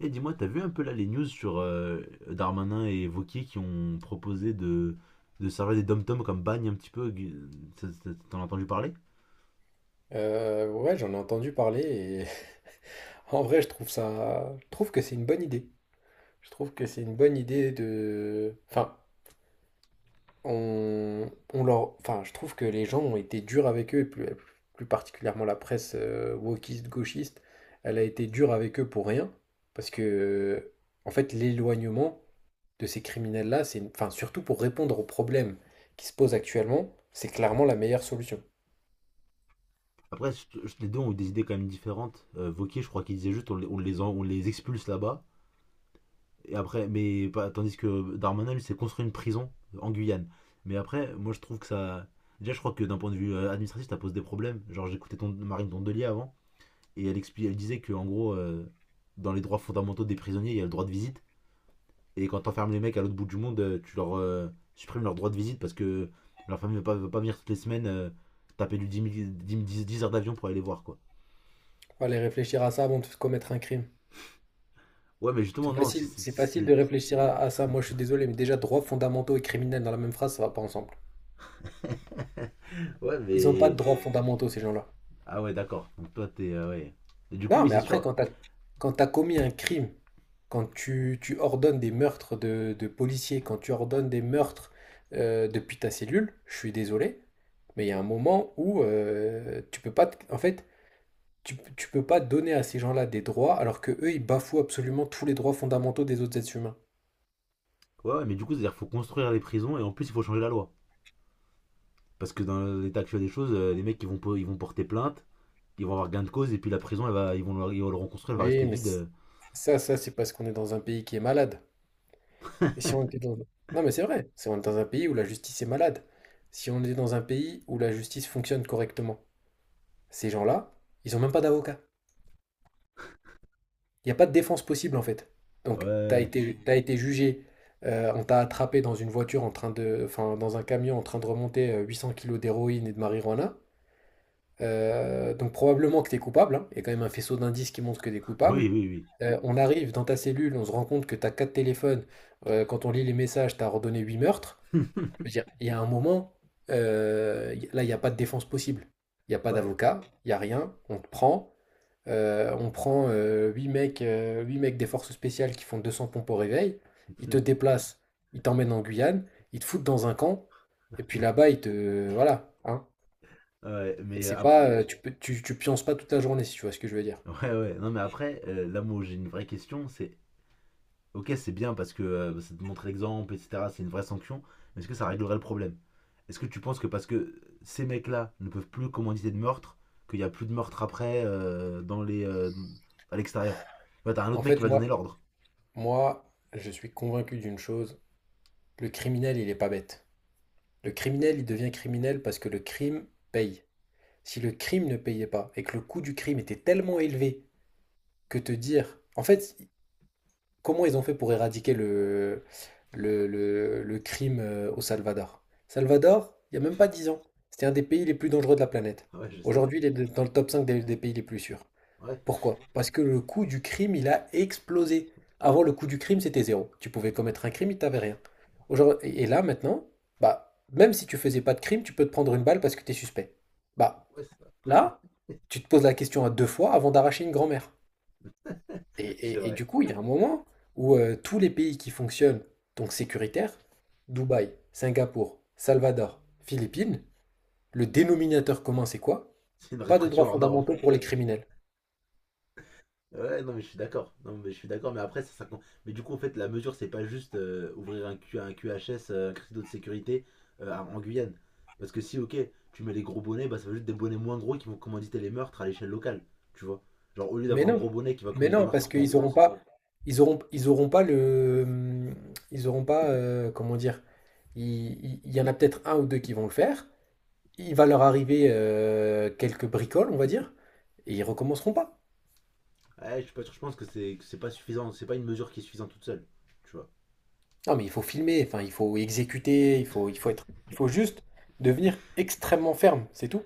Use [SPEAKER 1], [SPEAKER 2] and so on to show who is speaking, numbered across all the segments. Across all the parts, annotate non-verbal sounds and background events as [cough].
[SPEAKER 1] Et dis-moi, t'as vu un peu là les news sur Darmanin et Wauquiez qui ont proposé de servir des dom-toms comme bagne un petit peu t'en as entendu parler?
[SPEAKER 2] Ouais, j'en ai entendu parler et [laughs] en vrai, je trouve que c'est une bonne idée. Je trouve que c'est une bonne idée de, enfin, on leur, enfin, je trouve que les gens ont été durs avec eux, et plus particulièrement la presse wokiste, gauchiste, elle a été dure avec eux pour rien, parce que, en fait, l'éloignement de ces criminels-là, c'est, enfin, surtout pour répondre aux problèmes qui se posent actuellement, c'est clairement la meilleure solution.
[SPEAKER 1] Après, les deux ont eu des idées quand même différentes. Wauquiez, je crois qu'il disait juste on les expulse là-bas. Et après, tandis que Darmanin, lui, s'est construit une prison en Guyane. Mais après, moi je trouve que ça. Déjà, je crois que d'un point de vue administratif, ça pose des problèmes. Genre, j'écoutais Marine Tondelier avant, et elle, elle disait que en gros, dans les droits fondamentaux des prisonniers, il y a le droit de visite. Et quand t'enfermes les mecs à l'autre bout du monde, tu leur supprimes leur droit de visite parce que leur famille ne veut pas, veut pas venir toutes les semaines taper du 10 000 10 heures d'avion pour aller les voir, quoi.
[SPEAKER 2] Faut aller réfléchir à ça avant de commettre un crime.
[SPEAKER 1] Ouais, mais justement, non, si c'est.
[SPEAKER 2] C'est
[SPEAKER 1] si
[SPEAKER 2] facile de
[SPEAKER 1] si.
[SPEAKER 2] réfléchir à ça. Moi, je suis désolé, mais déjà, droits fondamentaux et criminels dans la même phrase, ça va pas ensemble.
[SPEAKER 1] Ouais,
[SPEAKER 2] Ils ont pas
[SPEAKER 1] mais.
[SPEAKER 2] de droits fondamentaux, ces gens-là.
[SPEAKER 1] Ah ouais, d'accord. Donc toi, t'es. Ouais. Et du coup,
[SPEAKER 2] Non,
[SPEAKER 1] oui,
[SPEAKER 2] mais
[SPEAKER 1] c'est
[SPEAKER 2] après,
[SPEAKER 1] sûr.
[SPEAKER 2] quand t'as commis un crime, quand tu ordonnes des meurtres de policiers, quand tu ordonnes des meurtres depuis ta cellule, je suis désolé, mais il y a un moment où tu peux pas, en fait, tu peux pas donner à ces gens-là des droits alors que eux, ils bafouent absolument tous les droits fondamentaux des autres êtres humains.
[SPEAKER 1] Ouais, ouais, mais du coup, c'est-à-dire qu'il faut construire les prisons et en plus, il faut changer la loi. Parce que dans l'état actuel des choses, les mecs, ils vont porter plainte, ils vont avoir gain de cause et puis la prison, elle va, ils vont le reconstruire, elle va
[SPEAKER 2] Oui,
[SPEAKER 1] rester
[SPEAKER 2] mais
[SPEAKER 1] vide.
[SPEAKER 2] ça, ça, c'est parce qu'on est dans un pays qui est malade. Mais si on était dans... Non, mais c'est vrai, si on est dans un pays où la justice est malade, si on est dans un pays où la justice fonctionne correctement, ces gens-là, ils ont même pas d'avocat. Il n'y a pas de défense possible en fait. Donc, t'as
[SPEAKER 1] Ouais. Ouais,
[SPEAKER 2] été, t'as été jugé, on t'a attrapé dans une voiture en train de... Enfin, dans un camion en train de remonter 800 kilos d'héroïne et de marijuana. Donc probablement que t'es coupable, hein. Il y a quand même un faisceau d'indices qui montre que t'es
[SPEAKER 1] ouais. Oui,
[SPEAKER 2] coupable.
[SPEAKER 1] oui, oui.
[SPEAKER 2] On arrive dans ta cellule, on se rend compte que t'as quatre téléphones. Quand on lit les messages, t'as ordonné huit meurtres. Je veux dire, il y a un moment, là, il n'y a pas de défense possible. Il n'y a pas
[SPEAKER 1] Ouais,
[SPEAKER 2] d'avocat, il n'y a rien. On te prend. On prend huit mecs des forces spéciales qui font 200 pompes au réveil. Ils te déplacent, ils t'emmènent en Guyane, ils te foutent dans un camp. Et puis là-bas, ils te. Voilà. Hein.
[SPEAKER 1] ouais, mais
[SPEAKER 2] Et c'est
[SPEAKER 1] euh,
[SPEAKER 2] pas. Tu pionces pas toute la journée, si tu vois ce que je veux dire.
[SPEAKER 1] ouais, ouais. Non, mais après, là, moi, j'ai une vraie question. Ok, c'est bien parce que ça te montre l'exemple, etc. C'est une vraie sanction. Mais est-ce que ça réglerait le problème? Est-ce que tu penses que parce que ces mecs-là ne peuvent plus commanditer de meurtre, qu'il n'y a plus de meurtre après à l'extérieur? Ouais, t'as un autre
[SPEAKER 2] En
[SPEAKER 1] mec qui
[SPEAKER 2] fait,
[SPEAKER 1] va donner
[SPEAKER 2] moi,
[SPEAKER 1] l'ordre.
[SPEAKER 2] moi, je suis convaincu d'une chose. Le criminel, il est pas bête. Le criminel, il devient criminel parce que le crime paye. Si le crime ne payait pas et que le coût du crime était tellement élevé que te dire, en fait, comment ils ont fait pour éradiquer le crime au Salvador? Salvador, il n'y a même pas 10 ans, c'était un des pays les plus dangereux de la planète.
[SPEAKER 1] Ouais, je sais.
[SPEAKER 2] Aujourd'hui, il est dans le top 5 des pays les plus sûrs.
[SPEAKER 1] Ouais,
[SPEAKER 2] Pourquoi? Parce que le coût du crime, il a explosé. Avant, le coût du crime, c'était zéro. Tu pouvais commettre un crime, il t'avait rien. Aujourd'hui, et là, maintenant, bah, même si tu faisais pas de crime, tu peux te prendre une balle parce que tu es suspect. Bah,
[SPEAKER 1] ouais, c'est vrai.
[SPEAKER 2] là, tu te poses la question à deux fois avant d'arracher une grand-mère. Et,
[SPEAKER 1] [laughs] C'est
[SPEAKER 2] et- et
[SPEAKER 1] vrai.
[SPEAKER 2] du coup, il y a un moment où tous les pays qui fonctionnent, donc sécuritaires, Dubaï, Singapour, Salvador, Philippines, le dénominateur commun, c'est quoi?
[SPEAKER 1] C'est une
[SPEAKER 2] Pas de droits
[SPEAKER 1] répression hors norme.
[SPEAKER 2] fondamentaux pour les criminels.
[SPEAKER 1] Ouais, non, mais je suis d'accord. Non, mais je suis d'accord. Mais après, mais du coup, en fait, la mesure, c'est pas juste un QHS, un critère de sécurité en Guyane. Parce que si, ok, tu mets les gros bonnets, bah, ça va juste des bonnets moins gros qui vont commanditer les meurtres à l'échelle locale. Tu vois? Genre, au lieu
[SPEAKER 2] Mais
[SPEAKER 1] d'avoir un
[SPEAKER 2] non,
[SPEAKER 1] gros bonnet qui va
[SPEAKER 2] mais
[SPEAKER 1] commanditer des
[SPEAKER 2] non,
[SPEAKER 1] meurtres
[SPEAKER 2] parce
[SPEAKER 1] partout en
[SPEAKER 2] qu'ils n'auront
[SPEAKER 1] France,
[SPEAKER 2] pas, ils auront pas le, ils auront pas, comment dire, il, il y en a peut-être un ou deux qui vont le faire. Il va leur arriver quelques bricoles, on va dire, et ils recommenceront pas.
[SPEAKER 1] ouais, je suis pas sûr, je pense que c'est pas suffisant. C'est pas une mesure qui est suffisante toute seule. Tu vois?
[SPEAKER 2] Non, mais il faut filmer, enfin, il faut exécuter, il faut être, il faut juste devenir extrêmement ferme, c'est tout.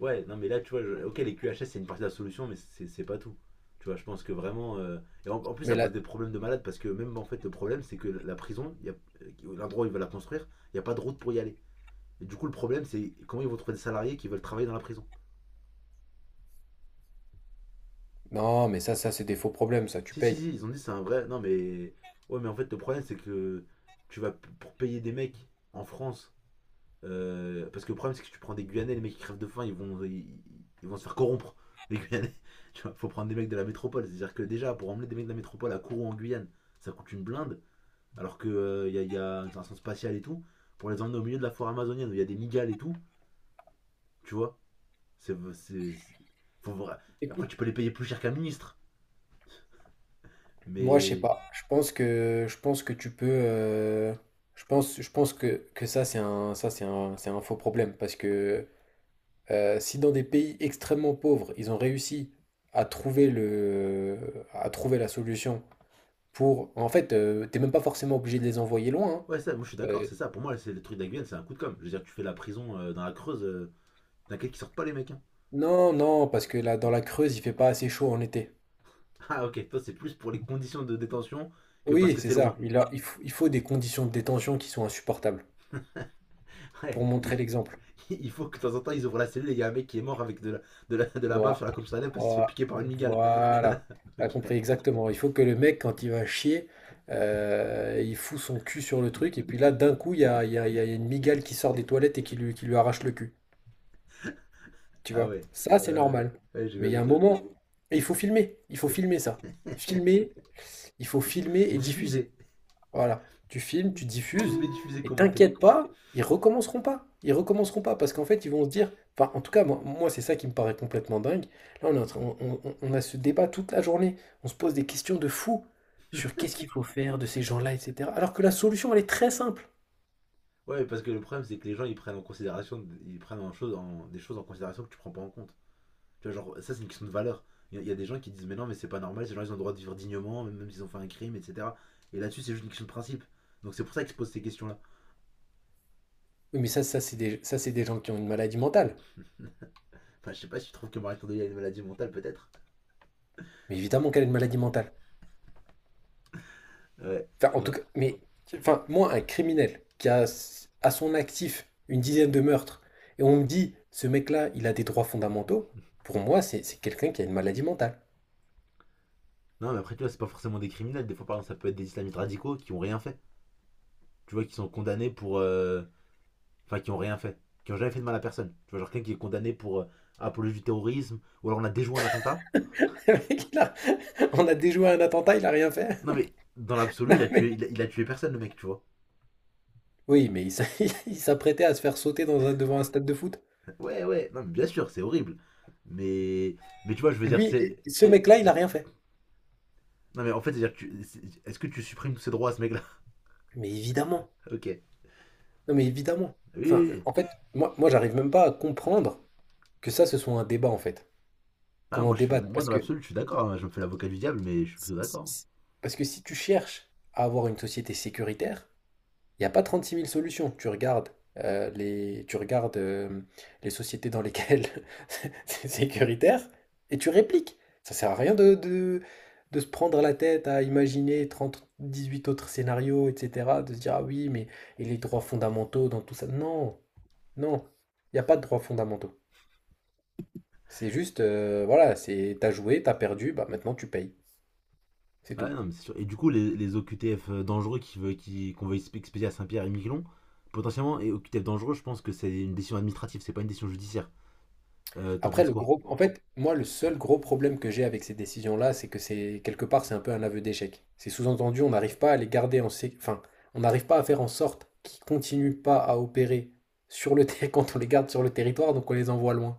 [SPEAKER 1] Ouais, non, mais là, tu vois, ok, les QHS, c'est une partie de la solution, mais c'est pas tout. Tu vois, je pense que vraiment. Et en plus,
[SPEAKER 2] Mais
[SPEAKER 1] ça
[SPEAKER 2] là,
[SPEAKER 1] pose des problèmes de malade parce que même en fait, le problème, c'est que la prison, il y a... l'endroit où ils veulent la construire, il n'y a pas de route pour y aller. Et du coup, le problème, c'est comment ils vont trouver des salariés qui veulent travailler dans la prison.
[SPEAKER 2] non, mais ça, c'est des faux problèmes, ça, tu
[SPEAKER 1] Si, si,
[SPEAKER 2] payes.
[SPEAKER 1] si, ils ont dit c'est un vrai. Non, mais. Ouais, mais en fait, le problème, c'est que pour payer des mecs en France. Parce que le problème, c'est que tu prends des Guyanais, les mecs qui crèvent de faim, ils vont se faire corrompre, les Guyanais. [laughs] Tu vois, faut prendre des mecs de la métropole. C'est-à-dire que déjà, pour emmener des mecs de la métropole à Kourou en Guyane, ça coûte une blinde, alors qu'il il y, a, y a une station spatiale et tout. Pour les emmener au milieu de la forêt amazonienne où il y a des migales et tout, tu vois, c'est. C'est- faut après,
[SPEAKER 2] Écoute,
[SPEAKER 1] tu peux les payer plus cher qu'un ministre,
[SPEAKER 2] moi, je sais
[SPEAKER 1] mais.
[SPEAKER 2] pas. Je pense que tu peux, je pense que ça, c'est un faux problème parce que si dans des pays extrêmement pauvres, ils ont réussi à trouver le, à trouver la solution pour, en fait, t'es même pas forcément obligé de les envoyer loin. Hein.
[SPEAKER 1] Ouais, ça, moi je suis d'accord,
[SPEAKER 2] Euh,
[SPEAKER 1] c'est ça. Pour moi, c'est le truc de la Guyane, c'est un coup de com'. Je veux dire, tu fais la prison dans la Creuse, t'inquiète qu'ils sortent pas les mecs, hein.
[SPEAKER 2] Non, non, parce que là, dans la Creuse, il fait pas assez chaud en été.
[SPEAKER 1] [laughs] Ah ok, toi c'est plus pour les conditions de détention que parce
[SPEAKER 2] Oui,
[SPEAKER 1] que
[SPEAKER 2] c'est
[SPEAKER 1] c'est
[SPEAKER 2] ça.
[SPEAKER 1] loin.
[SPEAKER 2] Il faut des conditions de détention qui sont insupportables
[SPEAKER 1] [laughs] Ouais,
[SPEAKER 2] pour montrer l'exemple.
[SPEAKER 1] il faut que de temps en temps ils ouvrent la cellule et il y a un mec qui est mort avec de la bave
[SPEAKER 2] Voi-
[SPEAKER 1] sur la comme ça parce qu'il s'est fait
[SPEAKER 2] voi-
[SPEAKER 1] piquer par une migale. [laughs]
[SPEAKER 2] Voilà. T'as
[SPEAKER 1] Ok.
[SPEAKER 2] compris exactement. Il faut que le mec, quand il va chier, il fout son cul sur le truc. Et puis là, d'un coup, il y a, il y a- il y a une migale qui sort des toilettes et qui lui arrache le cul. Tu
[SPEAKER 1] Ah
[SPEAKER 2] vois?
[SPEAKER 1] ouais.
[SPEAKER 2] Ça, c'est
[SPEAKER 1] Euh,
[SPEAKER 2] normal.
[SPEAKER 1] ouais, Ouais,
[SPEAKER 2] Mais
[SPEAKER 1] je,
[SPEAKER 2] il y a un
[SPEAKER 1] je-
[SPEAKER 2] moment, et il faut filmer. Il faut filmer ça.
[SPEAKER 1] je...
[SPEAKER 2] Filmer, il faut filmer et
[SPEAKER 1] [laughs]
[SPEAKER 2] diffuser.
[SPEAKER 1] Diffuser.
[SPEAKER 2] Voilà, tu filmes, tu diffuses,
[SPEAKER 1] Filmer, diffuser,
[SPEAKER 2] et
[SPEAKER 1] commenter.
[SPEAKER 2] t'inquiète pas, ils recommenceront pas. Ils recommenceront pas parce qu'en fait, ils vont se dire. Enfin, en tout cas, moi, c'est ça qui me paraît complètement dingue. Là, on est en train- on a ce débat toute la journée. On se pose des questions de fou sur qu'est-ce qu'il faut faire de ces gens-là, etc. Alors que la solution, elle est très simple.
[SPEAKER 1] Ouais, parce que le problème c'est que les gens ils prennent en considération, ils prennent en chose, en- des choses en considération que tu prends pas en compte. Tu vois, genre, ça c'est une question de valeur. Y a des gens qui disent mais non mais c'est pas normal, ces gens ils ont le droit de vivre dignement, même s'ils ont fait un crime, etc. Et là-dessus c'est juste une question de principe. Donc c'est pour ça qu'ils se posent ces questions-là.
[SPEAKER 2] Oui, mais ça, c'est des gens qui ont une maladie mentale.
[SPEAKER 1] Enfin, je sais pas si tu trouves que Marie Kondo a une maladie mentale, peut-être.
[SPEAKER 2] Mais évidemment qu'elle a une maladie mentale.
[SPEAKER 1] Ouais.
[SPEAKER 2] Enfin, en tout
[SPEAKER 1] Non.
[SPEAKER 2] cas, mais enfin, moi, un criminel qui a à son actif une dizaine de meurtres, et on me dit, ce mec-là, il a des droits fondamentaux, pour moi, c'est quelqu'un qui a une maladie mentale.
[SPEAKER 1] Non, mais après, tu vois, c'est pas forcément des criminels. Des fois, par exemple, ça peut être des islamistes radicaux qui ont rien fait. Tu vois, qui sont condamnés pour. Enfin, qui ont rien fait. Qui ont jamais fait de mal à personne. Tu vois, genre quelqu'un qui est condamné pour apologie du terrorisme. Ou alors on a déjoué un attentat.
[SPEAKER 2] [laughs] Le mec, on a déjoué un attentat, il a rien fait.
[SPEAKER 1] Non, mais dans
[SPEAKER 2] [laughs]
[SPEAKER 1] l'absolu,
[SPEAKER 2] Non,
[SPEAKER 1] il a tué personne, le mec, tu vois.
[SPEAKER 2] oui, mais [laughs] il s'apprêtait à se faire sauter dans devant un stade de foot.
[SPEAKER 1] Ouais, ouais. Non, mais bien sûr, c'est horrible. Mais. Mais tu vois, je veux dire,
[SPEAKER 2] Lui,
[SPEAKER 1] c'est.
[SPEAKER 2] ce mec-là, il a rien fait.
[SPEAKER 1] Non, mais en fait, c'est-à-dire, que tu... c'est- est-ce que tu supprimes tous ses droits à ce mec-là?
[SPEAKER 2] Mais évidemment.
[SPEAKER 1] [laughs] Ok. Oui,
[SPEAKER 2] Non, mais évidemment.
[SPEAKER 1] oui,
[SPEAKER 2] Enfin,
[SPEAKER 1] oui.
[SPEAKER 2] en fait, moi, j'arrive même pas à comprendre que ça, ce soit un débat, en fait.
[SPEAKER 1] Ah,
[SPEAKER 2] Qu'on en débatte.
[SPEAKER 1] moi
[SPEAKER 2] Parce
[SPEAKER 1] dans
[SPEAKER 2] que
[SPEAKER 1] l'absolu, je suis d'accord, hein. Je me fais l'avocat du diable, mais je suis
[SPEAKER 2] Si-
[SPEAKER 1] plutôt
[SPEAKER 2] si-
[SPEAKER 1] d'accord.
[SPEAKER 2] si- si tu cherches à avoir une société sécuritaire, il n'y a pas 36 000 solutions. Tu regardes les sociétés dans lesquelles [laughs] c'est sécuritaire et tu répliques. Ça sert à rien de se prendre la tête à imaginer trente dix-huit autres scénarios, etc. De se dire, ah oui, mais et les droits fondamentaux dans tout ça. Non, non, il n'y a pas de droits fondamentaux. C'est juste, voilà, c'est t'as joué, t'as perdu, bah maintenant tu payes. C'est
[SPEAKER 1] Ouais,
[SPEAKER 2] tout.
[SPEAKER 1] non, mais c'est sûr. Et du coup, les OQTF dangereux qu'on veut expédier à Saint-Pierre et Miquelon, potentiellement, et OQTF dangereux, je pense que c'est une décision administrative, c'est pas une décision judiciaire. T'en
[SPEAKER 2] Après,
[SPEAKER 1] penses
[SPEAKER 2] le
[SPEAKER 1] quoi?
[SPEAKER 2] gros, en fait, moi, le seul gros problème que j'ai avec ces décisions-là, c'est que c'est quelque part, c'est un peu un aveu d'échec. C'est sous-entendu, on n'arrive pas à les garder en enfin, on n'arrive pas à faire en sorte qu'ils continuent pas à opérer sur le terrain [laughs] quand on les garde sur le territoire, donc on les envoie loin.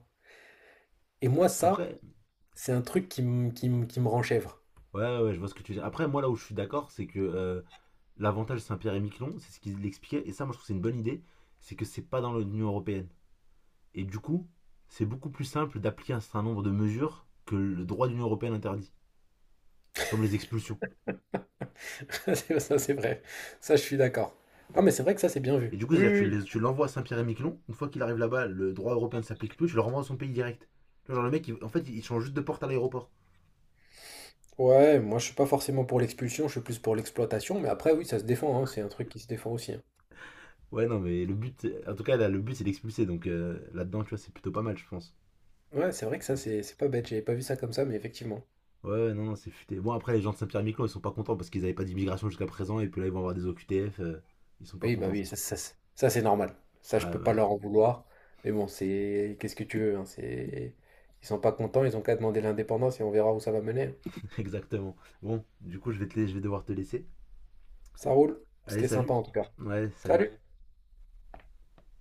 [SPEAKER 2] Et moi, ça,
[SPEAKER 1] Après,
[SPEAKER 2] c'est un truc qui me qui me rend chèvre.
[SPEAKER 1] ouais, ouais, je vois ce que tu veux dire. Après, moi, là où je suis d'accord, c'est que l'avantage Saint-Pierre et Miquelon, c'est ce qu'ils expliquaient, et ça, moi, je trouve que c'est une bonne idée, c'est que c'est pas dans l'Union Européenne. Et du coup, c'est beaucoup plus simple d'appliquer un certain nombre de mesures que le droit de l'Union Européenne interdit, comme les expulsions.
[SPEAKER 2] [laughs] Ça, c'est vrai. Ça, je suis d'accord. Ah, mais c'est vrai que ça, c'est bien
[SPEAKER 1] Et
[SPEAKER 2] vu.
[SPEAKER 1] du coup,
[SPEAKER 2] Oui,
[SPEAKER 1] c'est-à-dire
[SPEAKER 2] oui.
[SPEAKER 1] que tu l'envoies à Saint-Pierre-et-Miquelon, une fois qu'il arrive là-bas, le droit européen ne s'applique plus, tu le renvoies dans son pays direct. Genre le mec, en fait, il change juste de porte à l'aéroport.
[SPEAKER 2] Oui. Ouais, moi, je suis pas forcément pour l'expulsion, je suis plus pour l'exploitation, mais après, oui, ça se défend, hein. C'est un truc qui se défend aussi. Hein.
[SPEAKER 1] Ouais, non, mais le but, en tout cas, là, le but, c'est d'expulser, donc là-dedans, tu vois, c'est plutôt pas mal, je pense.
[SPEAKER 2] Ouais, c'est vrai que ça, c'est pas bête. J'avais pas vu ça comme ça, mais effectivement.
[SPEAKER 1] Ouais, ouais, non, non, c'est futé. Bon, après, les gens de Saint-Pierre-et-Miquelon, ils sont pas contents parce qu'ils n'avaient pas d'immigration jusqu'à présent, et puis là, ils vont avoir des OQTF, ils sont pas
[SPEAKER 2] Oui, bah
[SPEAKER 1] contents.
[SPEAKER 2] oui, ça, ça, c'est normal. Ça, je
[SPEAKER 1] Ah,
[SPEAKER 2] peux
[SPEAKER 1] bah
[SPEAKER 2] pas
[SPEAKER 1] oui,
[SPEAKER 2] leur en vouloir. Mais bon, c'est. Qu'est-ce que tu veux, hein, c'est... Ils sont pas contents, ils ont qu'à demander l'indépendance et on verra où ça va mener.
[SPEAKER 1] [laughs] exactement. Bon, du coup, je vais devoir te laisser.
[SPEAKER 2] Ça roule.
[SPEAKER 1] Allez,
[SPEAKER 2] C'était
[SPEAKER 1] salut.
[SPEAKER 2] sympa en tout cas.
[SPEAKER 1] Ouais, salut.
[SPEAKER 2] Salut!